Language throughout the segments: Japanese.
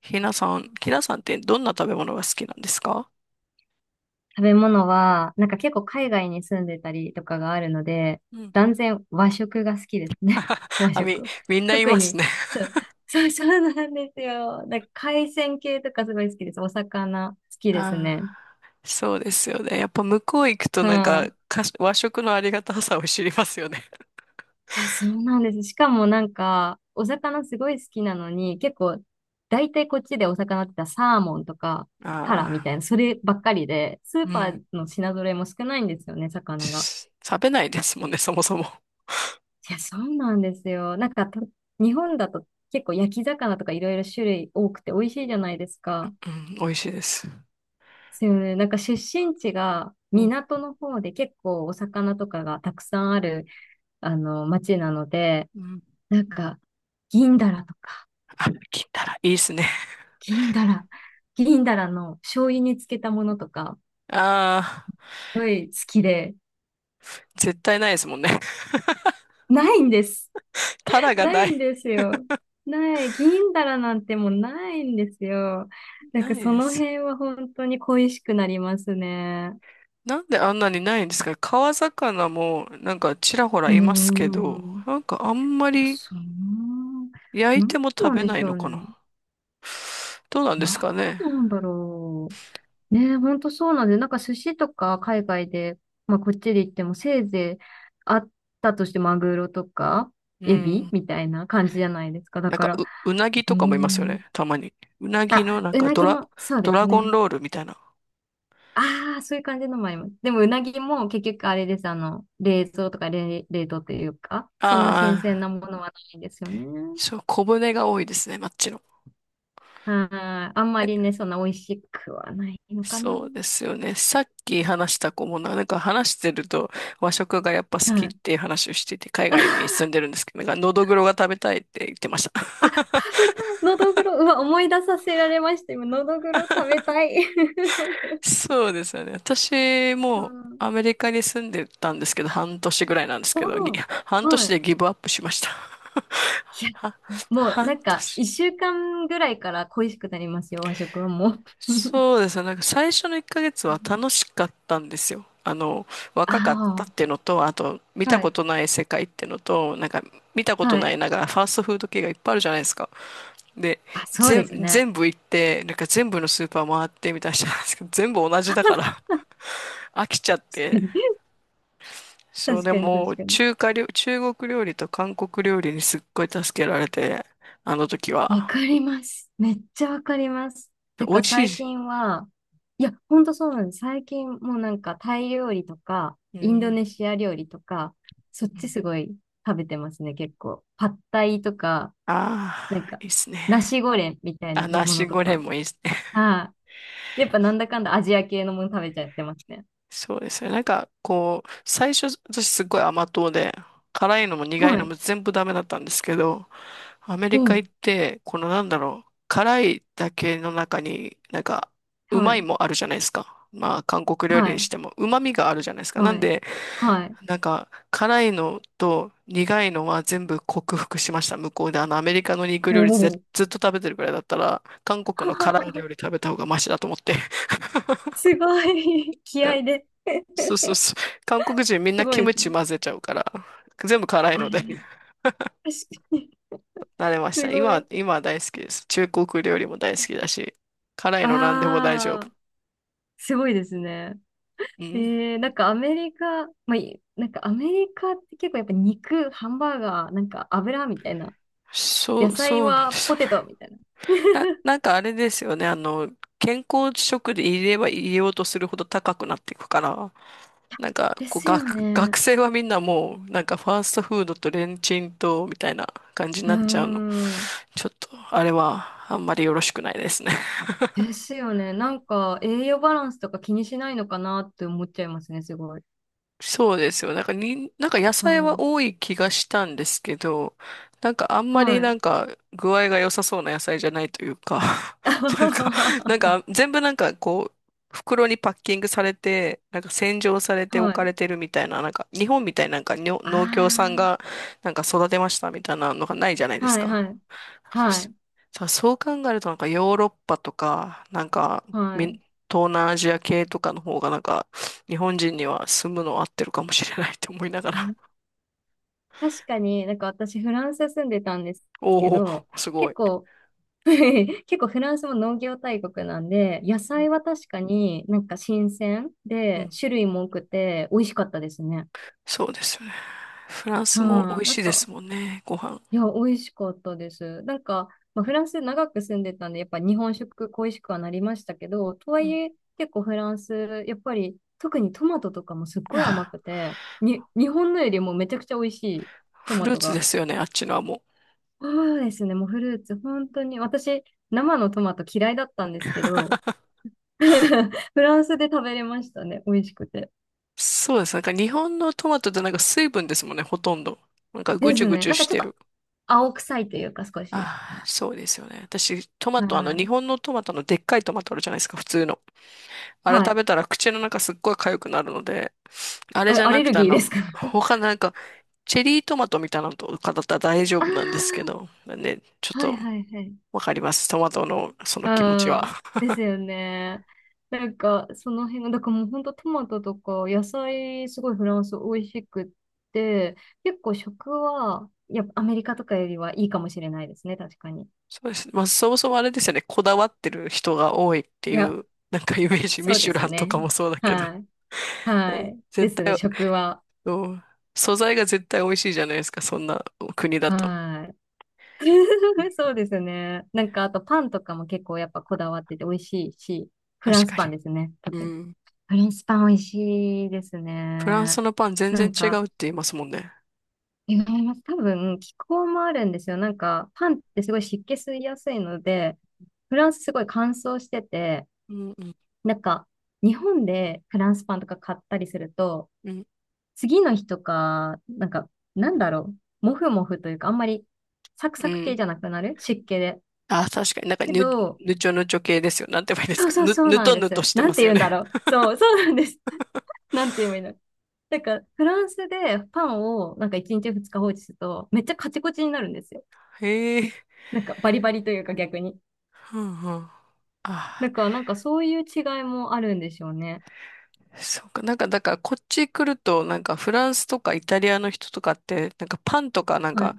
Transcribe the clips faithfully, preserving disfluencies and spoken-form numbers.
ひなさん、ひなさんってどんな食べ物が好きなんですか？食べ物は、なんか結構海外に住んでたりとかがあるので、うん。断然和食が好きですね。和あ、み、食。みんな言い特ますに、ね。 そう、そう、そうなんですよ。なんか海鮮系とかすごい好きです。お魚好 きですあね。あ、そうですよね。やっぱ向こう行くとなんはか、い。かし和食のありがたさを知りますよね。いや、そうなんです。しかもなんか、お魚すごい好きなのに、結構、大体こっちでお魚って言ったらサーモンとか、タラみああ、たいな、そればっかりで、スーうパん。ーの品揃えも少ないんですよね、魚が。し食べないですもんね、そもそも。いや、そうなんですよ。なんかと、日本だと結構焼き魚とかいろいろ種類多くて美味しいじゃないですか。うん、美味しいです。ですよね。なんか出身地がうん。港の方で結構お魚とかがたくさんある、あの、町なので、うん。なんか、銀だらとか、あ、金たらいいですね。銀だら、銀だらの醤油につけたものとか、ああ、すごい好きで、絶対ないですもんね。ないんです。たらがなないい。んですよ。ない。銀だらなんてもうないんですよ。なんかないそでのす。辺は本当に恋しくなりますね。なんであんなにないんですか？川魚もなんかちらほらうーいますけど、ん。いなんかあんまや、りそう。焼いなんても食なんべでなしいょのうかね。な？どうなんですなんかね？なんだろう。ね、本当そうなんで、なんか寿司とか海外で、まあこっちで行ってもせいぜいあったとしてマグロとかうエビん。みたいな感じじゃないですか。だなんかから、う、うなぎうーとかもいますよん。ね。たまに。うなぎのあ、なんうかなドぎラ、もそうドですラゴンね。ロールみたいな。ああ、そういう感じのもあります。でも、うなぎも結局あれです。あの、冷蔵とか冷、冷凍というか、そんな新鮮ああ、なものはないんですよね。そう、小骨が多いですね、マッチの。はい。あんまりね、そんな美味しくはないのかな。そうですよね。さっき話した子もな、なんか話してると和食がやっぱ好きはっい。ていう話をしてて、海外に 住んでるんですけど、なんかのどぐろが食べたいって言ってました。あ、食べたい。のどぐろ。うわ、思い出させられました。今、のどぐろ食べたい。そうですよね。私うもん。アメリカに住んでたんですけど、半年ぐらいなんですけど、ぎおー半年はい。でギブアップしました。いや、は、もうな半んか、年。一週間ぐらいから恋しくなりますよ、和食はもう。そうですね。なんか最初のいっかげつは楽しかったんですよ。あの、若かったあっていうのと、あと、見あ、たはこい。とない世界っていうのと、なんか、見たことはない。い、なんか、ファーストフード系がいっぱいあるじゃないですか。で、あ、そうで全、すね。全部行って、なんか全部のスーパー回ってみたいな人なんですけど、全部同じだから 飽きちゃって。そう、確でかに、も、確かに。中華料、中国料理と韓国料理にすっごい助けられて、あの時わは。かります。めっちゃわかります。でなん美か味し最い。近は、いや、ほんとそうなんです。最近もうなんかタイ料理とか、うインドネん。シア料理とか、そっちすごい食べてますね、結構。パッタイとか、なんああか、ー、いいっすね。ナシゴレンみたいあ、なのナもシのとゴレンか。もいいですね。はい。やっぱなんだかんだアジア系のもの食べちゃってますね。そうですね。なんか、こう、最初、私すごい甘党で、辛いのも苦いはのい。も全部ダメだったんですけど、アメうリカ行ん。って、このなんだろう、辛いだけの中に、なんか、うはまいい。もあるじゃないですか。まあ、韓国料理はにい。しても、うまみがあるじゃないですか。なはんい。で、はい。なんか、辛いのと苦いのは全部克服しました。向こうで、あの、アメリカの肉お料理ずっお。と食べてるくらいだったら、韓国の辛い料理 食べた方がマシだと思って。すごい。気合で。そうそうそう。韓国人みんなすごキいでムすね。チ混ぜちゃうから、全部辛いので あ、確かに。慣 れましすた。今ごは、い。今は大好きです。中国料理も大好きだし、辛いの何でも大丈あ夫。あ、すごいですね。うん。えー、なんかアメリカ、まあ、いなんかアメリカって結構やっぱ肉、ハンバーガー、なんか油みたいな。そ野う、菜そうなんではすよポね。テトみたいな。な、なんかあれですよね。あの、健康食で入れれば入れようとするほど高くなっていくから、なんか、でこう、すよ学、学ね。生はみんなもう、なんかファーストフードとレンチンと、みたいな感じにうーなっちゃうの。ん。ちょっと、あれはあんまりよろしくないですね。ですよね。なんか栄養バランスとか気にしないのかなって思っちゃいますね、すごい。そうですよ。なんかに、なんか野う菜はん。多い気がしたんですけど、なんかあんまりはい。なんか具合が良さそうな野菜じゃないというか、なんか、なん か全部なんかこう、袋にパッキングされて、なんか洗浄されては置かい。れてるみたいな、なんか日本みたいななんかにょあ農協さんがなんか育てましたみたいなのがないじゃないであ。すはいか。はい。はい。さ、そう考えるとなんかヨーロッパとか、なんかはみい。東南アジア系とかの方がなんか日本人には住むの合ってるかもしれないって思いながら。あ、確かになんか私フランス住んでたんです けおお、ど、すご結い。構 結構フランスも農業大国なんで、野うん菜は確かになんか新鮮うで、ん、種類も多くて美味しかったですね。そうですよね。フランスも美は味い、なしんいでか、すもんね、ご飯。いや、美味しかったです。なんか、まあ、フランス長く住んでたんで、やっぱ日本食恋しくはなりましたけど、とはういん、え結構フランス、やっぱり特にトマトとかもすっごい甘あくて、に、日本のよりもめちゃくちゃ美味しいトフマルートツでがすよね、あっちのはもそうですね。もうフルーツ、本当に、私、生のトマト嫌いだったんですけど、フランスで食べれましたね。美味しくて。う。そうです。なんか日本のトマトってなんか水分ですもんね、ほとんど。なんかぐでちゅすぐね。ちゅなんかしちょってとる。青臭いというか、少し。ああ、そうですよね。私、トマはト、あの、日い。本のトマトのでっかいトマトあるじゃないですか、普通の。あれは食い。べたら口の中すっごい痒くなるので、あれえじゃアなレくルてあギーでの、すか？ 他なんか、チェリートマトみたいなのとかだったら大丈夫なんですけあど、ね、ちょっあ、はいとはいはい。わかります。トマトのその気持ちは。ああ、ですよね。なんか、その辺が、だからもう本当トマトとか野菜、すごいフランス美味しくって、結構食は、やっぱアメリカとかよりはいいかもしれないですね、確かに。そうですね。まあ、そもそもあれですよね、こだわってる人が多いっていいや、う、なんかイメージ、ミそうシでュすランとね。かもそうだけど、はい。うはんい。で絶すね、対、食は。うん素材が絶対美味しいじゃないですか、そんな国だと。はい。そうですね。なんか、あとパンとかも結構やっぱこだわってて美味しいし、フ確ランスかパンに。ですね、う特に。ん。フランスパン美味しいですフランね。スのパン全な然ん違か、うって言いますもんね。違います。多分、気候もあるんですよ。なんか、パンってすごい湿気吸いやすいので、フランスすごい乾燥してて、うんうんなんか、日本でフランスパンとか買ったりすると、うん。次の日とか、なんか、なんだろう。もふもふというか、あんまりサクうサクん系じゃなくなる湿気で。あ、確かになんかけぬ、ど、ぬちょぬちょ系ですよ。なんて言えばいいですそう、か。そう、ぬ、そうぬなんとでぬとす。してなまんてすよ言うんだね。ろう。そう、そうなんです。なんて言えばいいの。なんか、フランスでパンをなんかいちにちふつか放置すると、めっちゃカチコチになるんですよ。へえ。なんか、バリバリというか逆に。うんうん。だあから、なんかそういう違いもあるんでしょうね。あ、そうか。なんか、だから、こっち来ると、なんか、フランスとかイタリアの人とかって、なんか、パンとか、なんはか、い。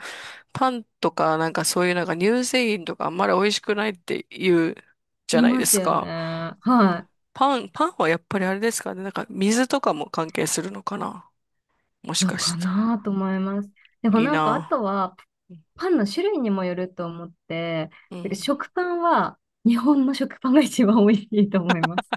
パンとか、なんか、そういう、なんか、乳製品とか、あんまり美味しくないって言うじゃいないまですすよか。ね。はい。パン、パンはやっぱりあれですかね。なんか、水とかも関係するのかな。もしのかしかたら。なと思います。でもいいなんかあなとはあ。パンの種類にもよると思って、うだからん。食パンは日本の食パンが一番美味しいと思います。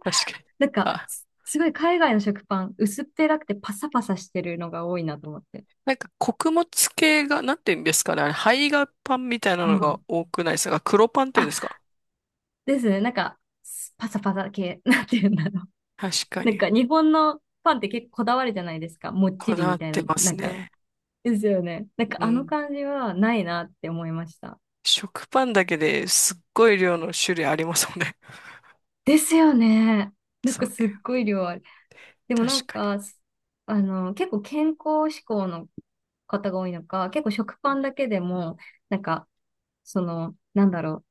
確かに。なんかあすすごい海外の食パン薄っぺらくてパサパサしてるのが多いなと思って。なんか穀物系が、なんて言うんですかね。あれ、胚芽パンみたいなうのがん。多くないですか？黒パンっていうんですか？あ、ですね。なんかすパサパサ系、なんて言うんだろう。確かなんに。か日本のパンって結構こだわるじゃないですか。もっちこりだわみったいてな、まなすんか。ね。ですよね。なんかうあのん。感じはないなって思いました。食パンだけですっごい量の種類ありますもんね。ですよね。なんそかう、すっごい量ある。でもな確んかか、すあの、結構健康志向の方が多いのか、結構食パンだけでも、なんか、その、なんだろ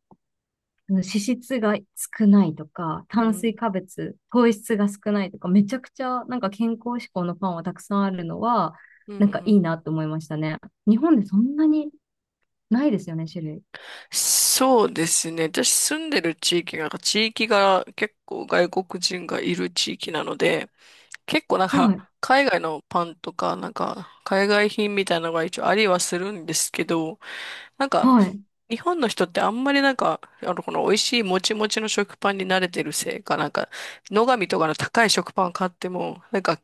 う、脂質が少ないとか、炭水に。化物、糖質が少ないとか、めちゃくちゃなんか健康志向のパンはたくさんあるのは、うん。うなんかん。いいなと思いましたね。日本でそんなにないですよね、種類。そうですね。私住んでる地域が、地域が結構外国人がいる地域なので、結構なんはか、い。海外のパンとか、なんか、海外品みたいなのが一応ありはするんですけど、なんか、はい。日本の人ってあんまりなんか、あの、この美味しいもちもちの食パンに慣れてるせいか、なんか、野上とかの高い食パン買っても、なんか、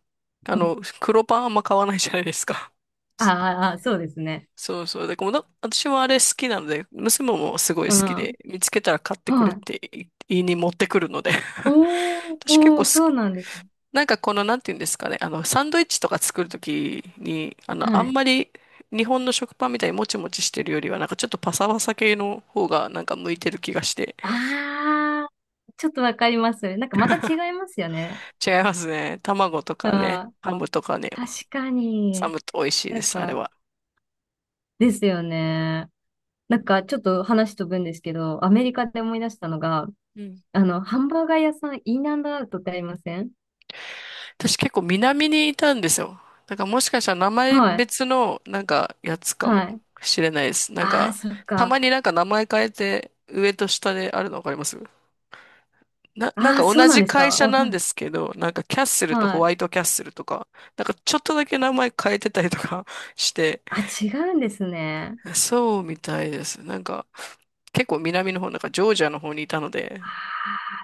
あの、黒パンあんま買わないじゃないですか。ああ、ああそうですね。そそうそう。で、この、私もあれ好きなので、娘もすごいう好きん。で、見つけたら買ってくれっはい。てい言いに持ってくるので。おー、私結お構ー、好そうなんですね。なんかこの、なんていうんですかね、あの、サンドイッチとか作るときに、あの、あはんい。まり日本の食パンみたいにもちもちしてるよりは、なんかちょっとパサパサ系の方がなんか向いてる気がして。あー、ちょっとわかります。なんかまた違いますよね。違いますね。卵とうん、かね、ハムとかね、確かサに。ムと美味しいなでんす、あれか、は。ですよね。なんかちょっと話飛ぶんですけど、アうメんリカで思い出したのが、うん。あの、ハンバーガー屋さん、インアンドアウトってありません？私結構南にいたんですよ。だからもしかしたら名前はい。別のなんかやつかもはい。しれないです。なんあー、か、そったか。まになんか名前変えて上と下であるのわかります？な、なんあかー、そう同なんじですか。会社わなかんでんすけど、なんかキャッスルとはホワい。イトキャッスルとか、なんかちょっとだけ名前変えてたりとか して、あ、違うんですね。そうみたいです。なんか結構南の方、なんかジョージアの方にいたので、あ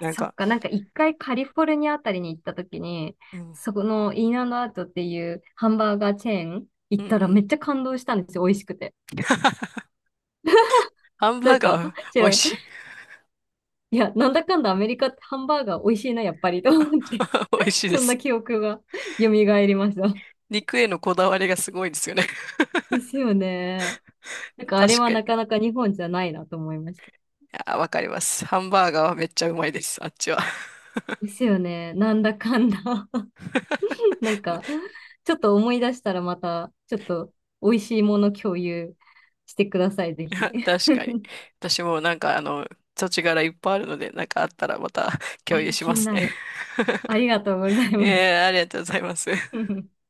あ、んそっか、か。なんか一回カリフォルニアあたりに行った時に、うん、そこのインアンドアウトっていうハンバーガーチェーンう行っん、うたらめん。っちゃ感動したんですよ。美味しくて。ハンなバーんか、ガー知美味らん。しい。いや、なんだかんだアメリカってハンバーガー美味しいな、やっぱりと思って。美味し いでそんす。な記憶が 蘇りました。肉へのこだわりがすごいですよね。ですよね。なん かあれ確はかなかに。なか日本じゃないなと思いました。あ、わかります。ハンバーガーはめっちゃうまいです。あっちは。ですよね。なんだかんだ なんか、ちょっと思い出したらまた、ちょっと美味しいもの共有してください、ぜひ。確 かに。私もなんかあの、土地柄いっぱいあるので、なんかあったらまた あ共有ー、しま気にすなね。る。ありがとうござい ます。えー、ありがとうございます。